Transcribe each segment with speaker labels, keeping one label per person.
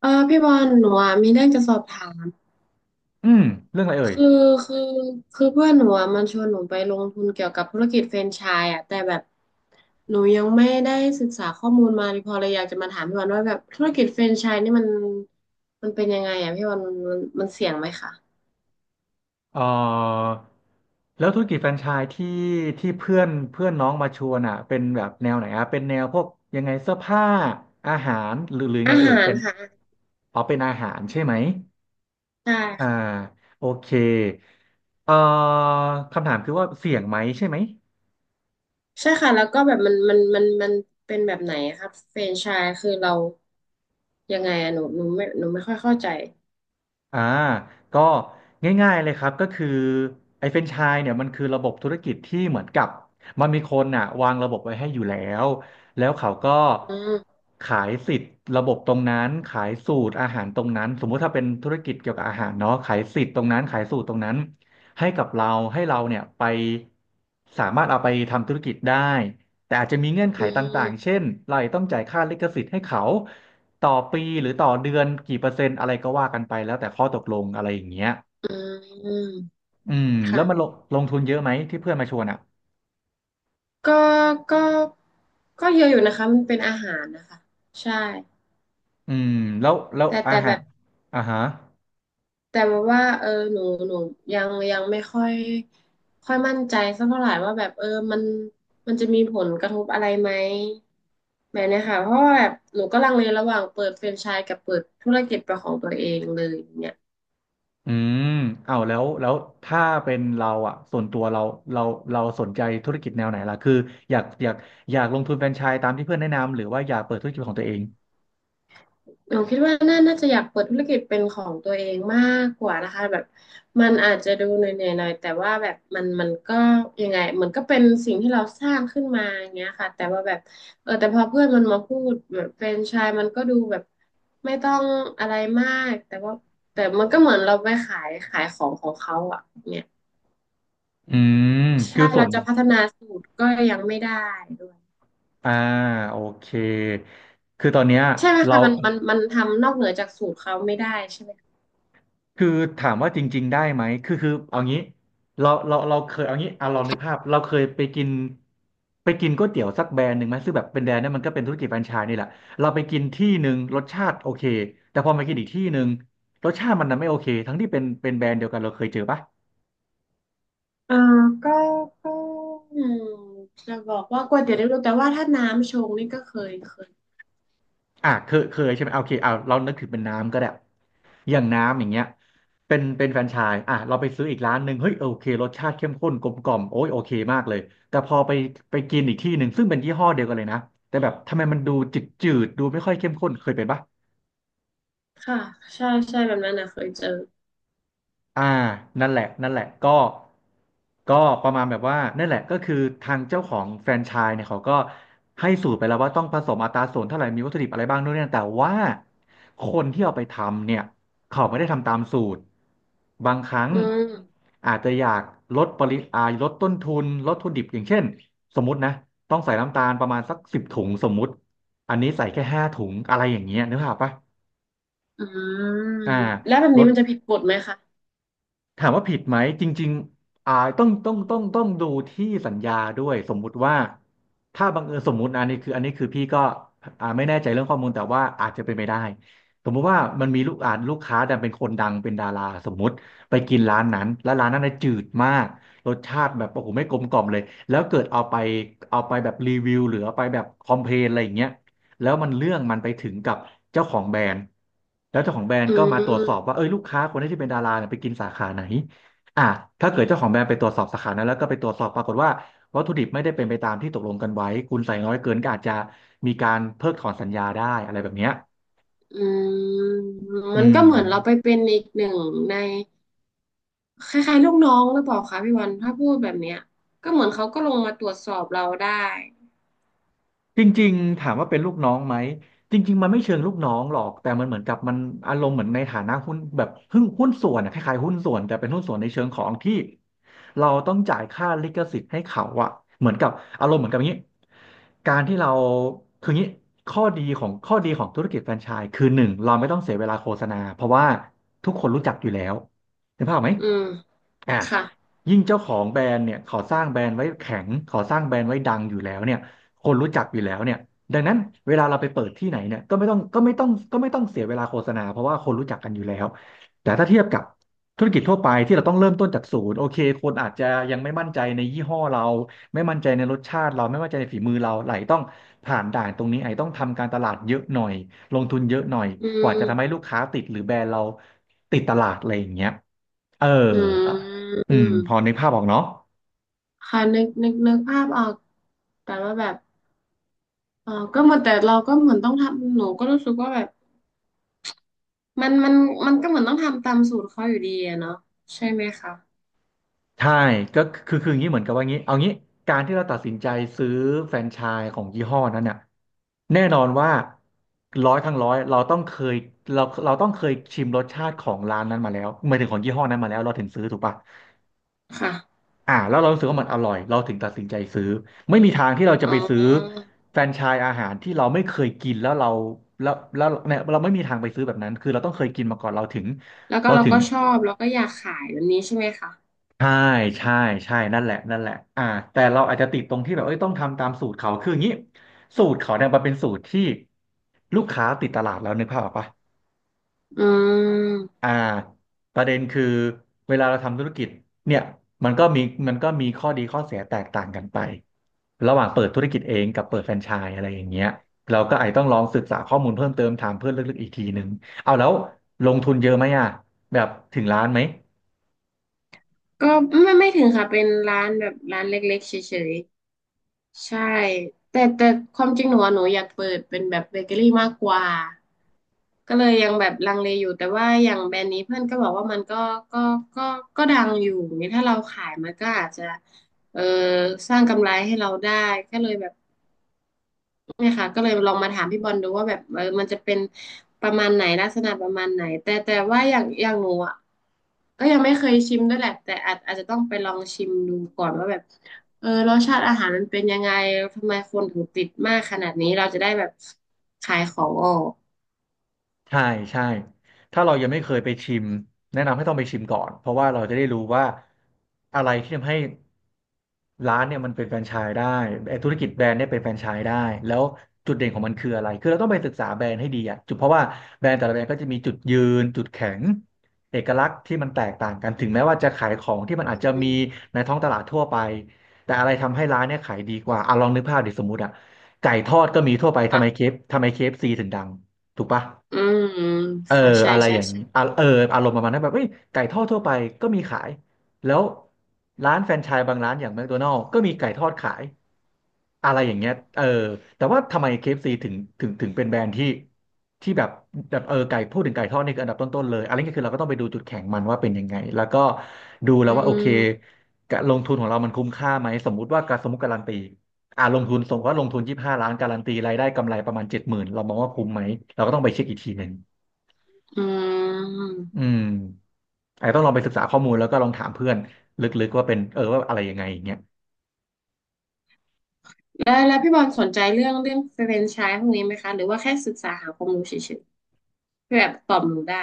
Speaker 1: เออพี่บอลหนูอ่ะมีเรื่องจะสอบถาม
Speaker 2: อืมเรื่องอะไรเอ่ย
Speaker 1: คือคือคือเพื่อนหนูอ่ะมันชวนหนูไปลงทุนเกี่ยวกับธุรกิจแฟรนไชส์อ่ะแต่แบบหนูยังไม่ได้ศึกษาข้อมูลมาพอเลยอยากจะมาถามพี่บอลว่าแบบธุรกิจแฟรนไชส์นี่มันเป็นยังไงอ่ะพี่บอลมันเสี่ยงไหมคะ
Speaker 2: เอ่อแล้วธุรกิจแฟรนไชส์ที่เพื่อนเพื่อนน้องมาชวนอ่ะเป็นแบบแนวไหนอ่ะเป็นแนวพวกยังไงเสื้อผ้าอาหารหรือไง
Speaker 1: อา
Speaker 2: เอ่ย
Speaker 1: หาร
Speaker 2: เป็น
Speaker 1: ค่ะ
Speaker 2: อ๋อเป็นอาหารใช่ไหม
Speaker 1: ใช่
Speaker 2: อ่า
Speaker 1: ค่ะ
Speaker 2: โอเคเอ่อคำถามคือว่าเสี่ยงไหมใช่ไหม
Speaker 1: ใช่ค่ะแล้วก็แบบมันเป็นแบบไหนอะครับแฟรนไชส์คือเรายังไงอ่ะหนูไม่ค่อยเข้าใจ
Speaker 2: อ่าก็ง่ายๆเลยครับก็คือไอ้แฟรนไชส์เนี่ยมันคือระบบธุรกิจที่เหมือนกับมันมีคนอ่ะวางระบบไว้ให้อยู่แล้วแล้วเขาก็
Speaker 1: อืม
Speaker 2: ขายสิทธิ์ระบบตรงนั้นขายสูตรอาหารตรงนั้นสมมุติถ้าเป็นธุรกิจเกี่ยวกับอาหารเนาะขายสิทธิ์ตรงนั้นขายสูตรตรงนั้นให้กับเราให้เราเนี่ยไปสามารถเอาไปทำธุรกิจได้ แต่อาจจะมีเงื่อนไข
Speaker 1: อื
Speaker 2: ต่างๆ
Speaker 1: ม
Speaker 2: เช่น เราอาจจะต้องจ่ายค่าลิขสิทธิ์ให้เขาต่อปีหรือต่อเดือนกี่เปอร์เซ็นต์อะไรก็ว่ากันไปแล้วแต่ข้อตกลงอะไรอย่างเงี้ย
Speaker 1: อืม
Speaker 2: อืมแล้วมันลง
Speaker 1: ค่ะ
Speaker 2: ลงทุนเยอะไหมที่เพื่อนมาชวนอ่ะ
Speaker 1: ก็ก็ก็เยอะอยู่นะคะมันเป็นอาหารนะคะใช่
Speaker 2: อืมแล้ว
Speaker 1: แต่
Speaker 2: อา
Speaker 1: แต่แบ
Speaker 2: หาร
Speaker 1: บ
Speaker 2: อ่าฮะ
Speaker 1: แต่ว่าหนูยังยังไม่ค่อยค่อยมั่นใจสักเท่าไหร่ว่าแบบมันมันจะมีผลกระทบอะไรไหมแบบเนี้ยค่ะเพราะว่าแบบหนูก็ลังเลระหว่างเปิดแฟรนไชส์กับเปิดธุรกิจเป็นของตัวเองเลยอย่างเนี่ย
Speaker 2: อืมเอาแล้วถ้าเป็นเราอ่ะส่วนตัวเราเราสนใจธุรกิจแนวไหนล่ะคืออยากอยากอยากลงทุนแฟรนไชส์ตามที่เพื่อนแนะนำหรือว่าอยากเปิดธุรกิจของตัวเอง
Speaker 1: หนูคิดว่าน่าจะอยากเปิดธุรกิจเป็นของตัวเองมากกว่านะคะแบบมันอาจจะดูเหนื่อยๆหน่อยแต่ว่าแบบมันก็ยังไงมันก็เป็นสิ่งที่เราสร้างขึ้นมาอย่างเงี้ยค่ะแต่ว่าแบบแต่พอเพื่อนมันมาพูดแบบแฟรนไชส์มันก็ดูแบบไม่ต้องอะไรมากแต่มันก็เหมือนเราไปขายของของเขาอ่ะเนี่ย
Speaker 2: อืมคื
Speaker 1: ใช่
Speaker 2: อส่
Speaker 1: เรา
Speaker 2: วน
Speaker 1: จะพัฒนาสูตรก็ยังไม่ได้ด้วย
Speaker 2: อ่าโอเคคือตอนเนี้ย
Speaker 1: ใช่ไหม
Speaker 2: เรา
Speaker 1: คะมันทำนอกเหนือจากสูตรเขาไม่ได้ใช่ไหม
Speaker 2: คือถามว่าจริงๆได้ไหมคือเอางี้เราเคยเอางี้อ่ะลองนึกภาพเราเคยไปกินก๋วยเตี๋ยวสักแบรนด์หนึ่งไหมซึ่งแบบเป็นแบรนด์นั้นมันก็เป็นธุรกิจแฟรนไชส์นี่แหละเราไปกินที่หนึ่งรสชาติโอเคแต่พอมากินอีกที่หนึ่งรสชาติมันน่ะไม่โอเคทั้งที่เป็นแบรนด์เดียวกันเราเคยเจอปะ
Speaker 1: เออก็ก็อืมจะบอกว่าก๋วยเตี๋ยวเรือแต่ว่าถ้าน้ำชงนี่ก็เคยเคย
Speaker 2: อ่ะเคยใช่ไหมโอเคเอาเรานึกถึงเป็นน้ำก็ได้อย่างน้ำอย่างเงี้ยเป็นแฟรนไชส์อ่ะเราไปซื้ออีกร้านหนึ่งเฮ้ยโอเครสชาติเข้มข้นกลมกล่อมโอ้ยโอเคมากเลยแต่พอไปไปกินอีกที่หนึ่งซึ่งเป็นยี่ห้อเดียวกันเลยนะแต่แบบทำไมมันดูจืดดูไม่ค่อยเข้มข้นเคยเป็นปะ
Speaker 1: ค่ะใช่ใช่แบบนั้นนะเคยเจอ
Speaker 2: อ่านั่นแหละก็ก็ประมาณแบบว่านั่นแหละก็คือทางเจ้าของแฟรนไชส์เนี่ยเขาก็ให้สูตรไปแล้วว่าต้องผสมอัตราส่วนเท่าไหร่มีวัตถุดิบอะไรบ้างด้วยเนี่ยแต่ว่าคนที่เอาไปทำเนี่ยเขาไม่ได้ทำตามสูตร บางครั้ง
Speaker 1: อืม
Speaker 2: อาจจะอยากลดปริอ่าลดต้นทุนลดวัตถุดิบอย่างเช่นสมมตินะต้องใส่น้ำตาลประมาณสัก10 ถุงสมมุติอันนี้ใส่แค่5 ถุงอะไรอย่างเงี้ยนึกภาพปะ
Speaker 1: อืม
Speaker 2: อ่า
Speaker 1: แล้วแบบ
Speaker 2: ล
Speaker 1: นี้
Speaker 2: ด
Speaker 1: มันจะผิดกฎไหมคะ
Speaker 2: ถามว่าผิดไหมจริงๆอ่าต้องดูที่สัญญาด้วยสมมุติว่าถ้าบังเอิญสมมุตินะอันนี้คือพี่ก็อ่าไม่แน่ใจเรื่องข้อมูลแต่ว่าอาจจะเป็นไปได้สมมุติว่ามันมีลูกค้าดันเป็นคนดังเป็นดาราสมมุติไปกินร้านนั้นแล้วร้านนั้นน่ะจืดมากรสชาติแบบโอ้โหไม่กลมกล่อมเลยแล้วเกิดเอาไปเอาไปแบบรีวิวหรือเอาไปแบบคอมเพลนอะไรอย่างเงี้ย แล้วมันเรื่องมันไปถึงกับเจ้าของแบรนด์แล้วเจ้าของแบรน
Speaker 1: อื
Speaker 2: ด์ก็มาตรวจสอบ
Speaker 1: ม
Speaker 2: ว่าเอ้ยลูกค้าคนนี้ที่เป็นดาราเนี่ยไปกินสาขาไหนอ่ะถ้าเกิดเจ้าของแบรนด์ไปตรวจสอบสาขานั้นแล้วก็ไปตรวจสอบปรากฏว่าวัตถุดิบไม่ได้เป็นไปตามที่ตกลงกันไว้คุณใส่น้อยเกินก็อาจจะมีการเพิกถอนสัญญาได้อะไรแบบเนี้ย
Speaker 1: อืม
Speaker 2: อื
Speaker 1: มันก็
Speaker 2: ม
Speaker 1: เหมือนเราไปเป็นอีกหนึ่งในคล้ายๆลูกน้องหรือเปล่าคะพี่วันถ้าพูดแบบเนี้ยก็เหมือนเขาก็ลงมาตรวจสอบเราได้
Speaker 2: จริงๆถามว่าเป็นลูกน้องไหมจริงๆมันไม่เชิงลูกน้องหรอกแต่มันเหมือนกับมันอารมณ์เหมือนในฐานะหุ้นแบบหุ้นส่วนอะคล้ายๆหุ้นส่วนแต่เป็นหุ้นส่วนในเชิงของที่เราต้องจ่ายค่าลิขสิทธิ์ให้เขาอะเหมือนกับอารมณ์เหมือนกับอย่างนี้การที่เราคืออย่างนี้ข้อดีของธุรกิจแฟรนไชส์คือหนึ่งเราไม่ต้องเสียเวลาโฆษณาเพราะว่าทุกคนรู้จักอยู่แล้วเห็นภาพไหม
Speaker 1: อืม
Speaker 2: อ่ะ
Speaker 1: ค่ะ
Speaker 2: ยิ่งเจ้าของแบรนด์เนี่ยเขาสร้างแบรนด์ไว้แข็งเขาสร้างแบรนด์ไว้ดังอยู่แล้วเนี่ย คนรู้จักอยู่แล้วเนี่ยดังนั้นเวลาเราไปเปิดที่ไหนเนี่ยก็ไม่ต้องก็ไม่ต้องก็ไม่ต้องเสียเวลาโฆษณาเพราะว่าคนรู้จักกันอยู่แล้วแต่ถ้าเทียบกับธุรกิจทั่วไปที่เราต้องเริ่มต้นจากศูนย์โอเคคนอาจจะยังไม่มั่นใจในยี่ห้อเราไม่มั่นใจในรสชาติเราไม่มั่นใจในฝีมือเราไหลต้องผ่านด่านตรงนี้ไอ้ต้องทำการตลาดเยอะหน่อยลงทุนเยอะหน่อย
Speaker 1: อื
Speaker 2: กว่าจะทำให้
Speaker 1: ม
Speaker 2: ลูกค้าติดหรือแบรนด์เราติดตลาดอะไรอย่างเงี้ยเออ
Speaker 1: อืม
Speaker 2: อื
Speaker 1: อื
Speaker 2: ม
Speaker 1: ม
Speaker 2: พอนึกภาพออกเนาะ
Speaker 1: ค่ะนึกภาพออกแต่ว่าแบบ ก็เหมือนแต่เราก็เหมือนต้องทำหนูก็รู้สึกว่าแบบมันมันมันก็เหมือนต้องทำตามสูตรเขาอยู่ดีอะเนาะใช่ไหมคะ
Speaker 2: ใช่ก็คืออย่างนี้เหมือนกับว่างี้เอางี้การที่เราตัดสินใจซื้อแฟรนไชส์ของยี่ห้อนั้นเนี่ยแน่นอนว่าร้อยครั้งร้อยเราต้องเคยเราเราต้องเคยชิมรสชาติของร้านนั้นมาแล้วหมายถึงของยี่ห้อนั้นมาแล้วเราถึงซื้อถูกป่ะ
Speaker 1: ค่ะ
Speaker 2: อ่าแล้วเรารู้สึกว่ามันอร่อยเราถึงตัดสินใจซื้อไม่มีทางที่เราจะ
Speaker 1: อ๋
Speaker 2: ไปซื้อ
Speaker 1: อ
Speaker 2: แฟรนไชส์อาหารที่เราไม่เคยกินแล้วเราแล้วเนี่ยเราไม่มีทางไปซื้อแบบนั้นคือเราต้องเคยกินมาก่อนเราถึง
Speaker 1: แล้วก็
Speaker 2: เรา
Speaker 1: เรา
Speaker 2: ถึง
Speaker 1: ก็ชอบแล้วก็อยากขายแบบนี้ใช่ไหมคะ
Speaker 2: ใช่ใช่ใช่นั่นแหละนั่นแหละอ่าแต่เราอาจจะติดตรงที่แบบเอ้ยต้องทำตามสูตรเขาคืออย่างนี้สูตรเขาเนี่ยมันเป็นสูตรที่ลูกค้าติดตลาดแล้วนึกภาพออกปะ
Speaker 1: อืม
Speaker 2: อ่าประเด็นคือเวลาเราทำธุรกิจเนี่ยมันก็มีมันก็มีข้อดีข้อเสียแตกต่างกันไประหว่างเปิดธุรกิจเองกับเปิดแฟรนไชส์อะไรอย่างเงี้ยเราก็อาจต้องลองศึกษาข้อมูลเพิ่มเติมถามเพื่อนลึกๆอีกทีนึงเอาแล้วลงทุนเยอะไหมอ่ะแบบถึงล้านไหม
Speaker 1: ก็ไม่ถึงค่ะเป็นร้านแบบร้านเล็กๆเฉย ใช่แต่ความจริงหนูอะหนูอยากเปิดเป็นแบบเบเกอรี่มากกว่าก็เลยยังแบบลังเลอยู่แต่ว่าอย่างแบรนด์นี้เพื่อนก็บอกว่ามันก็ก็ก็ดังอยู่นี่ถ้าเราขายมันก็อาจจะเออสร้างกำไรให้เราได้ก็เลยแบบ เนี่ยค่ะก็เลยลองมาถามพี่บอลดูว่าแบบมันจะเป็นประมาณไหนลักษณะประมาณไหนแต่ว่าอย่างหนูอ่ะก็ยังไม่เคยชิมด้วยแหละแต่อาจจะต้องไปลองชิมดูก่อนว่าแบบรสชาติอาหารมันเป็นยังไงทำไมคนถึงติดมากขนาดนี้เราจะได้แบบขายของออก
Speaker 2: ใช่ใช่ถ้าเรายังไม่เคยไปชิมแนะนำให้ต้องไปชิมก่อนเพราะว่าเราจะได้รู้ว่าอะไรที่ทำให้ร้านเนี่ยมันเป็นแฟรนไชส์ได้ไอ้ธุรกิจแบรนด์เนี่ยเป็นแฟรนไชส์ได้แล้วจุดเด่นของมันคืออะไรคือเราต้องไปศึกษาแบรนด์ให้ดีอะจุดเพราะว่าแบรนด์แต่ละแบรนด์ก็จะมีจุดยืนจุดแข็งเอกลักษณ์ที่มันแตกต่างกันถึงแม้ว่าจะขายของที่มันอา
Speaker 1: อื
Speaker 2: จจะมี
Speaker 1: ม
Speaker 2: ในท้องตลาดทั่วไปแต่อะไรทำให้ร้านเนี่ยขายดีกว่าอ่ะลองนึกภาพดิสมมุติอะไก่ทอดก็มีทั่วไป
Speaker 1: ค่ะ
Speaker 2: ทำไมเคฟซีถึงดังถูกปะ
Speaker 1: อืม
Speaker 2: เออ
Speaker 1: ค่ะใช่
Speaker 2: อะไร
Speaker 1: ใช่
Speaker 2: อย่างนี้
Speaker 1: ใช่
Speaker 2: อ่ะเอออารมณ์ประมาณนั้นแบบเอ้ยไก่ทอดทั่วไปก็มีขายแล้วร้านแฟรนไชส์บางร้านอย่างแมคโดนัล s ก็มีไก่ทอดขายอะไรอย่างเงี้ยเออแต่ว่าทำไมเคเอฟซีถึงเป็นแบรนด์ที่แบบเออไก่พูดถึงไก่ทอดนี่คืออันดับต้นๆเลยอะไรเงี้ยคือเราก็ต้องไปดูจุดแข็งมันว่าเป็นยังไงแล้วก็ดูแล้
Speaker 1: อื
Speaker 2: วว่าโอเค
Speaker 1: ม
Speaker 2: การลงทุนของเรามันคุ้มค่าไหมสมมุติว่าการสมมติการันตีอ่าลงทุนสมมติว่าลงทุน25 ล้านการันตีรายได้กำไรประมาณ70,000เรามองว่าคุ้มไหมเราก็ต้องไปเช็คอีกทีหนึ่ง
Speaker 1: อืม
Speaker 2: อืมอาจจะต้องลองไปศึกษาข้อมูลแล้วก็ลองถามเพื่อนลึกๆว่าเป็นเออว่าอะไรยังไงอย่างเงี้ย
Speaker 1: แล้วพี่บอลสนใจเรื่องแฟรนไชส์พวกนี้ไหมคะหรือว่าแค่ศึกษาหาความรู้เฉยๆเพื่อแบบตอบหนูได้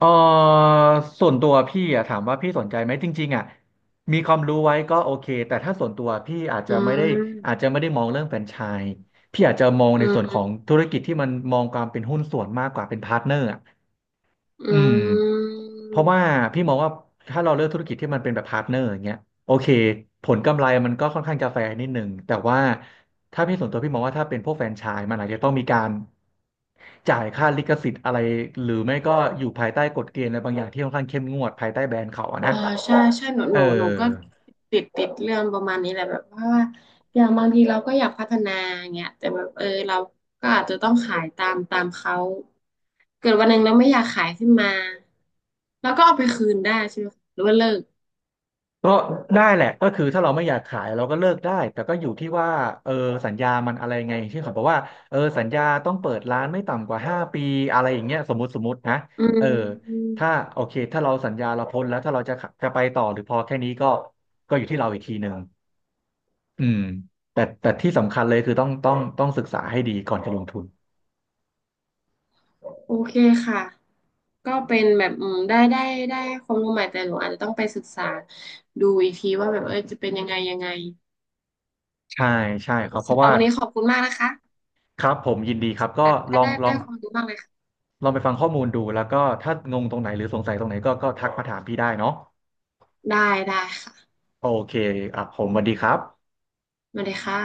Speaker 2: เออส่วนตัวพี่อะถามว่าพี่สนใจไหมจริงๆอะมีความรู้ไว้ก็โอเคแต่ถ้าส่วนตัวพี่อาจ
Speaker 1: อื
Speaker 2: จะไม่ได้อาจ
Speaker 1: ม
Speaker 2: จะไม่ได้มองเรื่องแฟรนไชส์พี่อาจจะมอง
Speaker 1: อื
Speaker 2: ในส่วนของ
Speaker 1: ม
Speaker 2: ธุรกิจที่มันมองความเป็นหุ้นส่วนมากกว่าเป็นพาร์ทเนอร์อะอื
Speaker 1: อื
Speaker 2: ม เพราะว่า
Speaker 1: ม
Speaker 2: พี่มองว่าถ้าเราเลือกธุรกิจที่มันเป็นแบบพาร์ทเนอร์อย่างเงี้ยโอเคผลกำไรมันก็ค่อนข้างจะแฟร์นิดหนึ่งแต่ว่าถ้าพี่ส่วนตัวพี่มองว่าถ้าเป็นพวกแฟรนไชส์มันอาจจะต้องมีการจ่ายค่าลิขสิทธิ์อะไรหรือไม่ก็อยู่ภายใต้กฎเกณฑ์อะไรบางอย่างที่ค่อนข้างเข้มงวดภายใต้แบรนด์เขาอะนะ
Speaker 1: อ่าใช่ใช่หนู
Speaker 2: เอ
Speaker 1: ห
Speaker 2: อ
Speaker 1: นูหนูก็ติดเรื่องประมาณนี้แหละแบบว่าอย่างบางทีเราก็อยากพัฒนาอย่างเงี้ยแต่แบบเราก็อาจจะต้องขายตามเขาเกิดวันหนึ่งเราไม่อยากขายขึ้นมาเราก็เอาไปคืนได้ใช่ไหมคะหรือว่าเลิก
Speaker 2: ก็ได้แหละก็คือถ้าเราไม่อยากขายเราก็เลิกได้แต่ก็อยู่ที่ว่าเออสัญญามันอะไรไงที่เเขาบอกว่าเออสัญญาต้องเปิดร้านไม่ต่ำกว่า5 ปีอะไรอย่างเงี้ยสมมตินะ
Speaker 1: อื
Speaker 2: เออ
Speaker 1: ม
Speaker 2: ถ้าโอเคถ้าเราสัญญาเราพ้นแล้วถ้าเราจะขะจะไปต่อหรือพอแค่นี้ก็ก็อยู่ที่เราอีกทีหนึ่งอืมแต่ที่สำคัญเลยคือต้องศึกษาให้ดีก่อนจะลงทุน
Speaker 1: โอเคค่ะก็เป็นแบบได้ความรู้ใหม่แต่หนูอาจจะต้องไปศึกษาดูอีกทีว่าแบบจะเป็นยังไงยังไง
Speaker 2: ใช่ใช่ครับเพ
Speaker 1: สำ
Speaker 2: ราะ
Speaker 1: หรับ
Speaker 2: ว่า
Speaker 1: วันนี้ขอบคุณมากนะคะ
Speaker 2: ครับผมยินดีครับก็
Speaker 1: อ่ะ
Speaker 2: ล
Speaker 1: ได้
Speaker 2: อง
Speaker 1: ได้
Speaker 2: ลอ
Speaker 1: ได้
Speaker 2: ง
Speaker 1: ความรู้มากเลยค่ะ
Speaker 2: ลองไปฟังข้อมูลดูแล้วก็ถ้างงตรงไหนหรือสงสัยตรงไหนก็ทักมาถามพี่ได้เนาะ
Speaker 1: ได้ได้ค่ะ
Speaker 2: โอเคอ่ะผมสวัสดีครับ
Speaker 1: มาเลยค่ะ